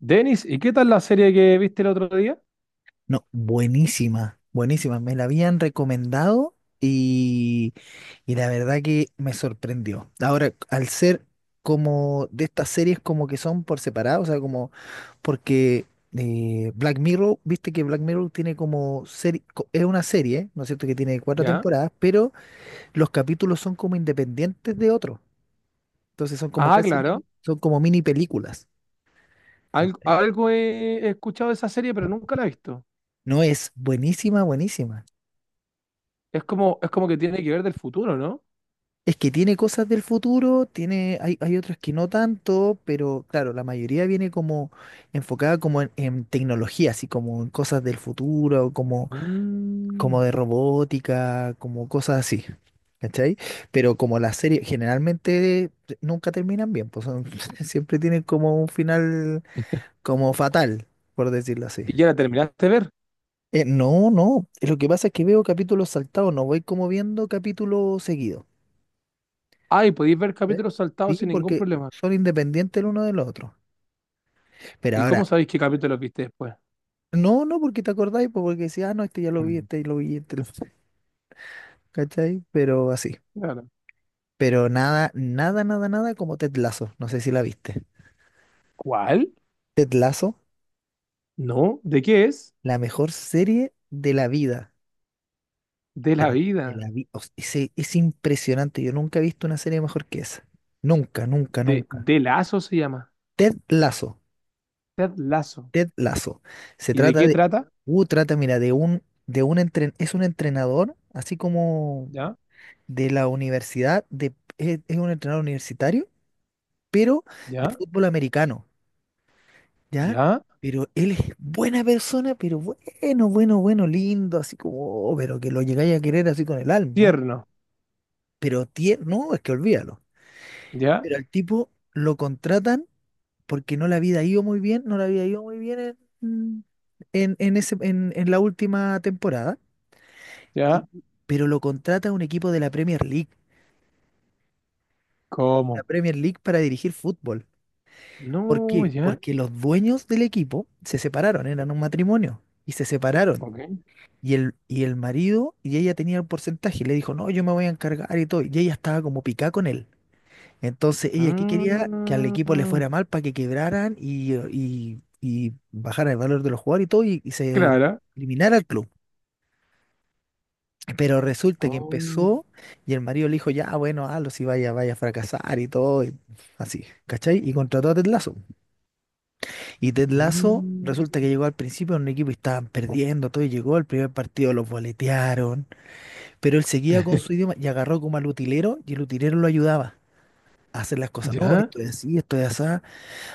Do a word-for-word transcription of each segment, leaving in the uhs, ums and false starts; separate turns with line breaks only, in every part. Denis, ¿y qué tal la serie que viste el otro día?
No, buenísima, buenísima. Me la habían recomendado y, y la verdad que me sorprendió. Ahora, al ser como de estas series como que son por separado, o sea, como porque eh, Black Mirror, viste que Black Mirror tiene como serie, es una serie, ¿no es cierto? Que tiene cuatro
Ya.
temporadas, pero los capítulos son como independientes de otros. Entonces son como
Ah,
casi
claro.
mini, son como mini películas.
Algo,
¿Cachai?
algo he he escuchado de esa serie, pero nunca la he visto.
No, es buenísima, buenísima.
Es como, es como que tiene que ver del futuro, ¿no?
Es que tiene cosas del futuro, tiene, hay, hay otras que no tanto, pero claro, la mayoría viene como enfocada como en, en tecnología, así como en cosas del futuro, como, como
Mm.
de robótica, como cosas así. ¿Cachai? Pero como las series generalmente nunca terminan bien, pues son- siempre tienen como un final como fatal, por decirlo así.
¿Y ya la terminaste de ver?
Eh, no, no, lo que pasa es que veo capítulos saltados, no voy como viendo capítulos seguidos.
Ah, ¿y podéis ver
¿Eh?
capítulos
Sí,
saltados sin ningún
porque
problema?
son independientes el uno del otro. Pero
¿Y cómo
ahora,
sabéis qué capítulos viste después?
no, no, porque te acordáis, pues, porque decía, ah, no, este ya lo vi,
Mm.
este ya lo vi, este lo... vi, ¿Cachai? Pero así.
Claro.
Pero nada, nada, nada, nada como Ted Lasso. No sé si la viste.
¿Cuál?
Ted Lasso,
No. ¿De qué es?
la mejor serie de la vida.
De la
Pero de
vida.
la vida. es, es impresionante. Yo nunca he visto una serie mejor que esa. Nunca, nunca,
De,
nunca.
de Lazo se llama.
Ted Lasso.
Ted Lazo.
Ted Lasso. Se
¿Y de
trata
qué
de,
trata?
uh, trata, mira, de un, de un entren, es un entrenador, así como
Ya,
de la universidad, de, es, es un entrenador universitario, pero de
ya,
fútbol americano, ¿ya?
ya.
Pero él es buena persona, pero bueno, bueno, bueno, lindo, así como, oh, pero que lo llegáis a querer así con el alma,
Tierno.
pero tierno, no, es que olvídalo.
Ya,
Pero al tipo lo contratan porque no le había ido muy bien, no le había ido muy bien en, en, en, ese, en, en la última temporada. Y-
ya.
pero lo contrata un equipo de la Premier League, la
¿Cómo?
Premier League para dirigir fútbol. ¿Por
No,
qué?
ya.
Porque los dueños del equipo se separaron, eran un matrimonio y se separaron.
Ok.
Y el, y el marido y ella tenía el porcentaje y le dijo, no, yo me voy a encargar y todo. Y ella estaba como picada con él. Entonces ella que quería que al equipo le
Mm,
fuera mal para que quebraran y, y, y bajara el valor de los jugadores y todo y, y se
clara.
eliminara el club. Pero resulta que
Oh,
empezó y el marido le dijo, ya, bueno, hazlo si vaya, vaya a fracasar y todo, y así, ¿cachai? Y contrató a Ted Lasso. Y Ted Lasso resulta
mm,
que llegó al principio a un equipo y estaban perdiendo, todo, y llegó al primer partido, los boletearon, pero él seguía con su idioma y agarró como al utilero y el utilero lo ayudaba a hacer las cosas, no,
ya.
esto es así, esto es así,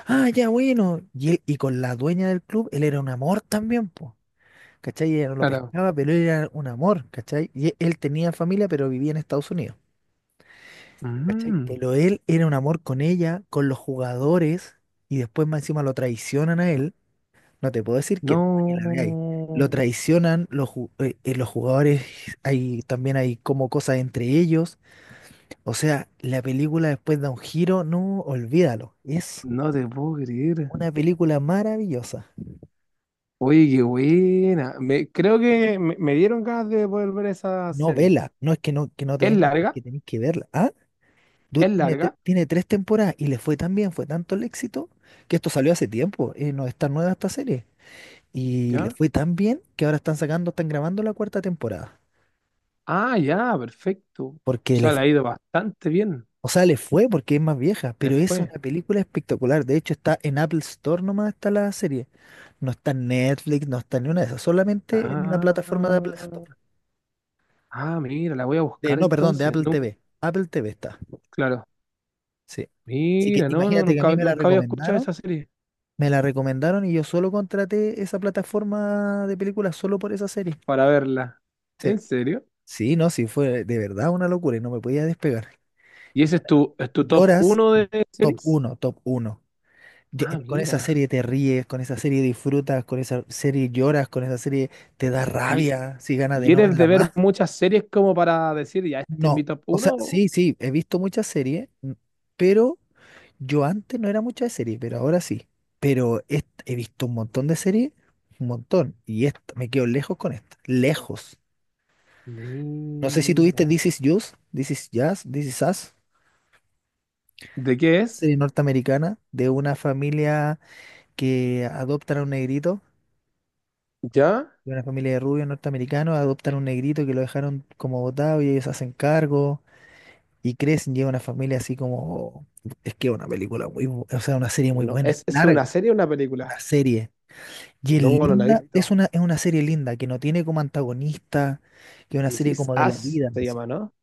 ah, ya bueno, y él, y con la dueña del club, él era un amor también, po, ¿cachai? Ella no lo
Claro.
pescaba, pero él era un amor, ¿cachai? Y él tenía familia, pero vivía en Estados Unidos. ¿Cachai?
Mm,
Pero él era un amor con ella, con los jugadores, y después más encima lo traicionan a él. No te puedo decir quién, para que la veáis.
no.
Lo traicionan, los, ju- eh, eh, los jugadores, hay, también hay como cosas entre ellos. O sea, la película después da un giro, no, olvídalo. Es
No te puedo creer.
una película maravillosa.
Oye, qué buena. Me, creo que me, me dieron ganas de volver ver esa
No
serie.
vela, no es que no, que no te
Es
venga, es
larga,
que tenéis que verla. Ah, du-
es
tiene, tre-
larga.
tiene tres temporadas y le fue tan bien, fue tanto el éxito, que esto salió hace tiempo. eh, no es tan nueva esta serie. Y le
Ya.
fue tan bien que ahora están sacando, están grabando la cuarta temporada.
Ah, ya, perfecto. O
Porque le
sea, le ha
fue,
ido bastante bien.
o sea, le fue porque es más vieja, pero es
Después.
una película espectacular. De hecho, está en Apple Store, nomás está la serie. No está en Netflix, no está en ninguna de esas, solamente en una
Ah,
plataforma de Apple Store.
ah, mira, la voy a
De,
buscar
no, perdón, de
entonces.
Apple
No,
te ve. Apple te ve está.
claro.
Sí. Así que
Mira, no, no,
imagínate que a mí
nunca,
me la
nunca había escuchado
recomendaron,
esa serie
me la recomendaron y yo solo contraté esa plataforma de películas solo por esa serie.
para verla.
Sí.
¿En serio?
Sí, no, sí, fue de verdad una locura y no me podía despegar.
¿Y ese es
Llora-
tu, es
Y
tu top
lloras,
uno de
top
series?
uno, top uno.
Ah,
Con esa
mira.
serie te ríes, con esa serie disfrutas, con esa serie lloras, con esa serie te da
¿Y,
rabia, si ganas de
y
no
eres de
verla
ver
más.
muchas series como para decir, ya, este es mi
No,
top
o sea,
uno?
sí, sí, he visto muchas series, n- pero yo antes no era mucha de serie, pero ahora sí. Pero est- he visto un montón de series, un montón, y esta, me quedo lejos con esta, lejos. No sé si tuviste
Mira.
This Is Us, This Is Jazz, This Is Us,
¿De qué es?
serie norteamericana de una familia. Que adoptan a un negrito,
¿Ya?
de una familia de rubios norteamericanos, adoptan a un negrito que lo dejaron como botado y ellos se hacen cargo y crecen, llega una familia así como... Es que es una película muy, bu- o sea, una serie muy
No,
buena, es
¿es, es una
larga,
serie o una película?
una serie. Y es
No, no la he
linda, es
visto.
una, es una serie linda, que no tiene como antagonista, que es una
This
serie
Is
como de la
Us
vida.
se llama, ¿no?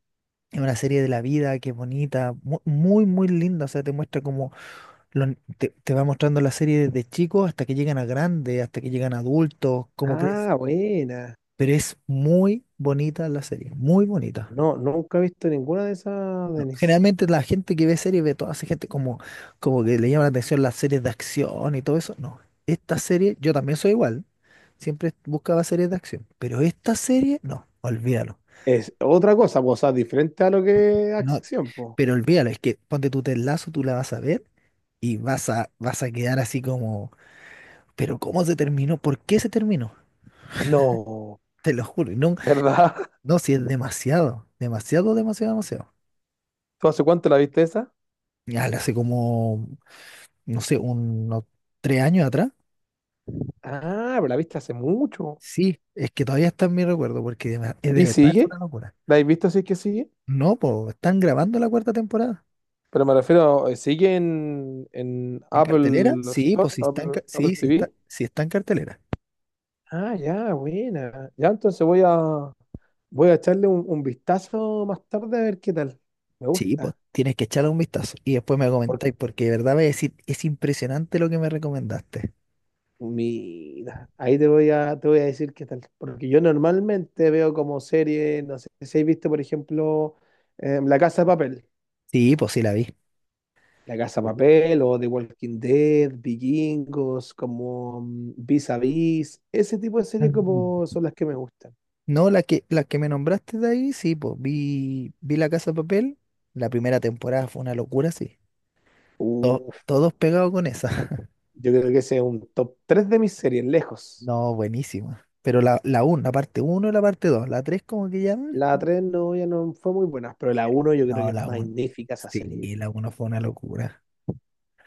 Es una serie de la vida que es bonita, mu- muy, muy linda. O sea, te muestra como lo- te, te va mostrando la serie desde chicos hasta que llegan a grandes, hasta que llegan a adultos, cómo crecen,
Ah, buena.
pero es muy bonita la serie, muy bonita.
No, nunca he visto ninguna de esas,
No,
Denis.
generalmente la gente que ve series ve toda esa gente como, como que le llama la atención las series de acción y todo eso. No, esta serie, yo también soy igual, siempre buscaba series de acción, pero esta serie, no, olvídalo.
Es otra cosa, pues, o sea, diferente a lo que es
No,
acción, pues.
pero olvídalo, es que ponte tu Ted, tú la vas a ver y vas a, vas a quedar así como, pero ¿cómo se terminó? ¿Por qué se terminó?
No,
Te lo juro, y no,
¿verdad?
no, si es demasiado, demasiado, demasiado, demasiado.
¿Tú hace cuánto la viste esa?
Ya, la hace como no sé, unos tres años atrás.
Ah, pero la viste hace mucho.
Sí, es que todavía está en mi recuerdo, porque de, ver- es de
¿Y
verdad, es
sigue?
una locura.
¿La has visto si es que sigue?
No, pues, están grabando la cuarta temporada.
Pero me refiero, eh, ¿sigue en, en
¿En cartelera?
Apple
Sí,
Store,
pues si está en,
Apple,
ca-
Apple
sí, sí está,
T V?
sí está en cartelera.
Ah, ya, buena. Ya, entonces voy a, voy a echarle un, un vistazo más tarde a ver qué tal. Me
Sí, pues
gusta.
tienes que echarle un vistazo y después me
Porque,
comentáis, porque de verdad voy a decir, es impresionante lo que me recomendaste.
mira, ahí te voy a, te voy a decir qué tal. Porque yo normalmente veo como serie, no sé si has visto, por ejemplo, eh, La Casa de Papel.
Sí, pues sí la vi.
La Casa de
Sí, sí.
Papel o The Walking Dead, Vikingos, como mm, Vis a Vis, ese tipo de
Ah.
series como son las que me gustan.
No, la que, la que me nombraste de ahí, sí, pues vi, vi La Casa de Papel. La primera temporada fue una locura, sí. To-
Uf,
todos pegados con esa.
yo creo que ese es un top tres de mis series, lejos.
No, buenísima. Pero la, la uno, la parte uno y la parte dos, la tres como que llaman.
La tres no, ya no fue muy buena, pero la uno yo creo que
No,
es
la uno.
magnífica esa serie.
Sí, la uno fue una locura,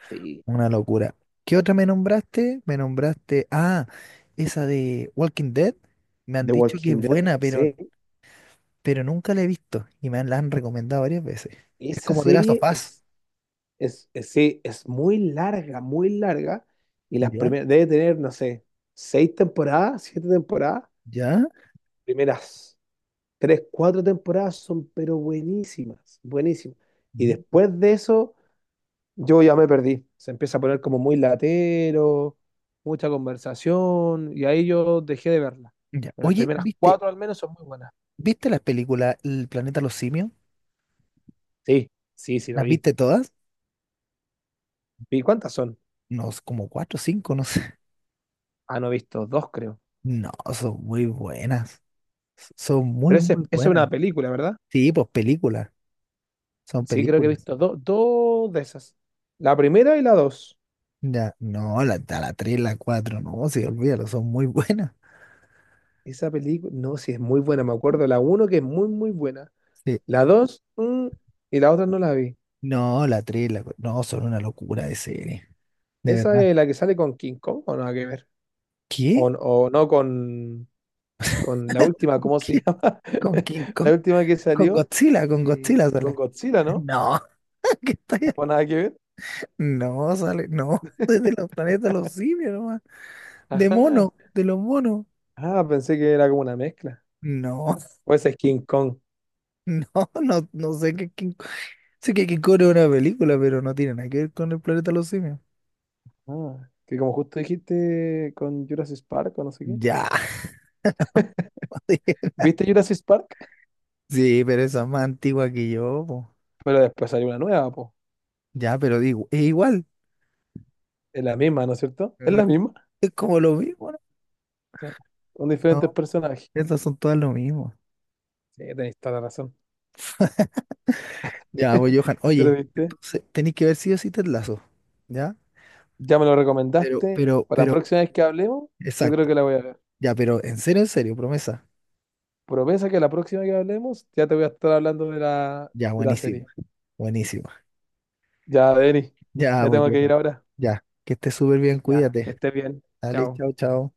Sí.
una locura. ¿Qué otra me nombraste? Me nombraste, ah, esa de Walking Dead. Me han
The
dicho que es
Walking Dead,
buena, pero,
sí.
pero nunca la he visto y me han- la han recomendado varias veces. Es
Esa
como The Last of
serie
Us.
es, es, es- sí, es muy larga, muy larga. Y las
¿Ya?
primeras, debe tener, no sé, seis temporadas, siete temporadas.
¿Ya?
Primeras tres, cuatro temporadas son, pero buenísimas, buenísimas. Y
Mm.
después de eso, yo ya me perdí. Se empieza a poner como muy latero, mucha conversación, y ahí yo dejé de verla.
¿Ya?
Pero las
Oye,
primeras
¿viste,
cuatro al menos son muy buenas.
¿viste las películas El planeta de los simios?
Sí, sí, sí lo
¿Las
vi.
viste todas?
¿Y cuántas son?
No, como cuatro o cinco, no sé.
Ah, no he visto dos, creo.
No, son muy buenas. Son muy,
Pero ese-
muy
esa es una
buenas.
película, ¿verdad?
Sí, pues películas, son
Sí, creo que he
películas.
visto do- dos de esas. La primera y la dos.
Ya, no, la, a la tres, la cuatro, no, sí, olvídalo, son muy buenas.
Esa película, no, sí, es muy buena. Me acuerdo la uno que es muy, muy buena.
Sí.
La dos, mm, y la otra no la vi.
No, la tres, la cuatro, no, son una locura de serie, de
¿Esa
verdad.
es la que sale con King Kong o nada que ver? ¿O,
¿Qué?
n- o no con, con la última,
¿Con
¿cómo se
qué?
llama?
¿Con King
La
Kong?
última que
¿Con
salió
Godzilla? ¿Con
eh,
Godzilla
con
sale?
Godzilla, ¿no?
No, ¿qué estoy
¿O
hablando?
nada que ver?
No, sale, no, desde los planetas de los simios nomás, de
Ajá.
mono, de los monos.
Ah, pensé que era como una mezcla.
No,
O esa es King Kong.
no, no, no sé qué King Kong. Sé que King Kong es una película, pero no tiene nada que ver con el planeta de los simios.
Ah, que como justo dijiste con Jurassic Park o no sé qué.
Ya.
¿Viste Jurassic Park?
Sí, pero esa es más antigua que yo, po.
Pero después salió una nueva, po.
Ya, pero digo, es igual.
Es la misma, ¿no es cierto? Es la misma.
Es como lo mismo, ¿no?
Sí. Con diferentes
No,
personajes.
estas son todas lo mismo.
Sí, tenéis toda la razón.
Ya, pues, Johan,
Pero
oye,
viste.
entonces tenéis que ver si o sí Ted Lasso, ¿ya?
Ya me lo
Pero,
recomendaste.
pero,
Para la
pero,
próxima vez que hablemos, yo creo
exacto.
que la voy a ver.
Ya, pero en serio, en serio, promesa.
Promesa que la próxima que hablemos, ya te voy a estar hablando de la,
Ya,
de la
buenísima,
serie.
buenísima.
Ya, Denis,
Ya,
me
pues,
tengo que ir
Johan.
ahora.
Ya, que estés súper bien,
Ya, que
cuídate.
estés bien.
Dale,
Chao.
chao, chao.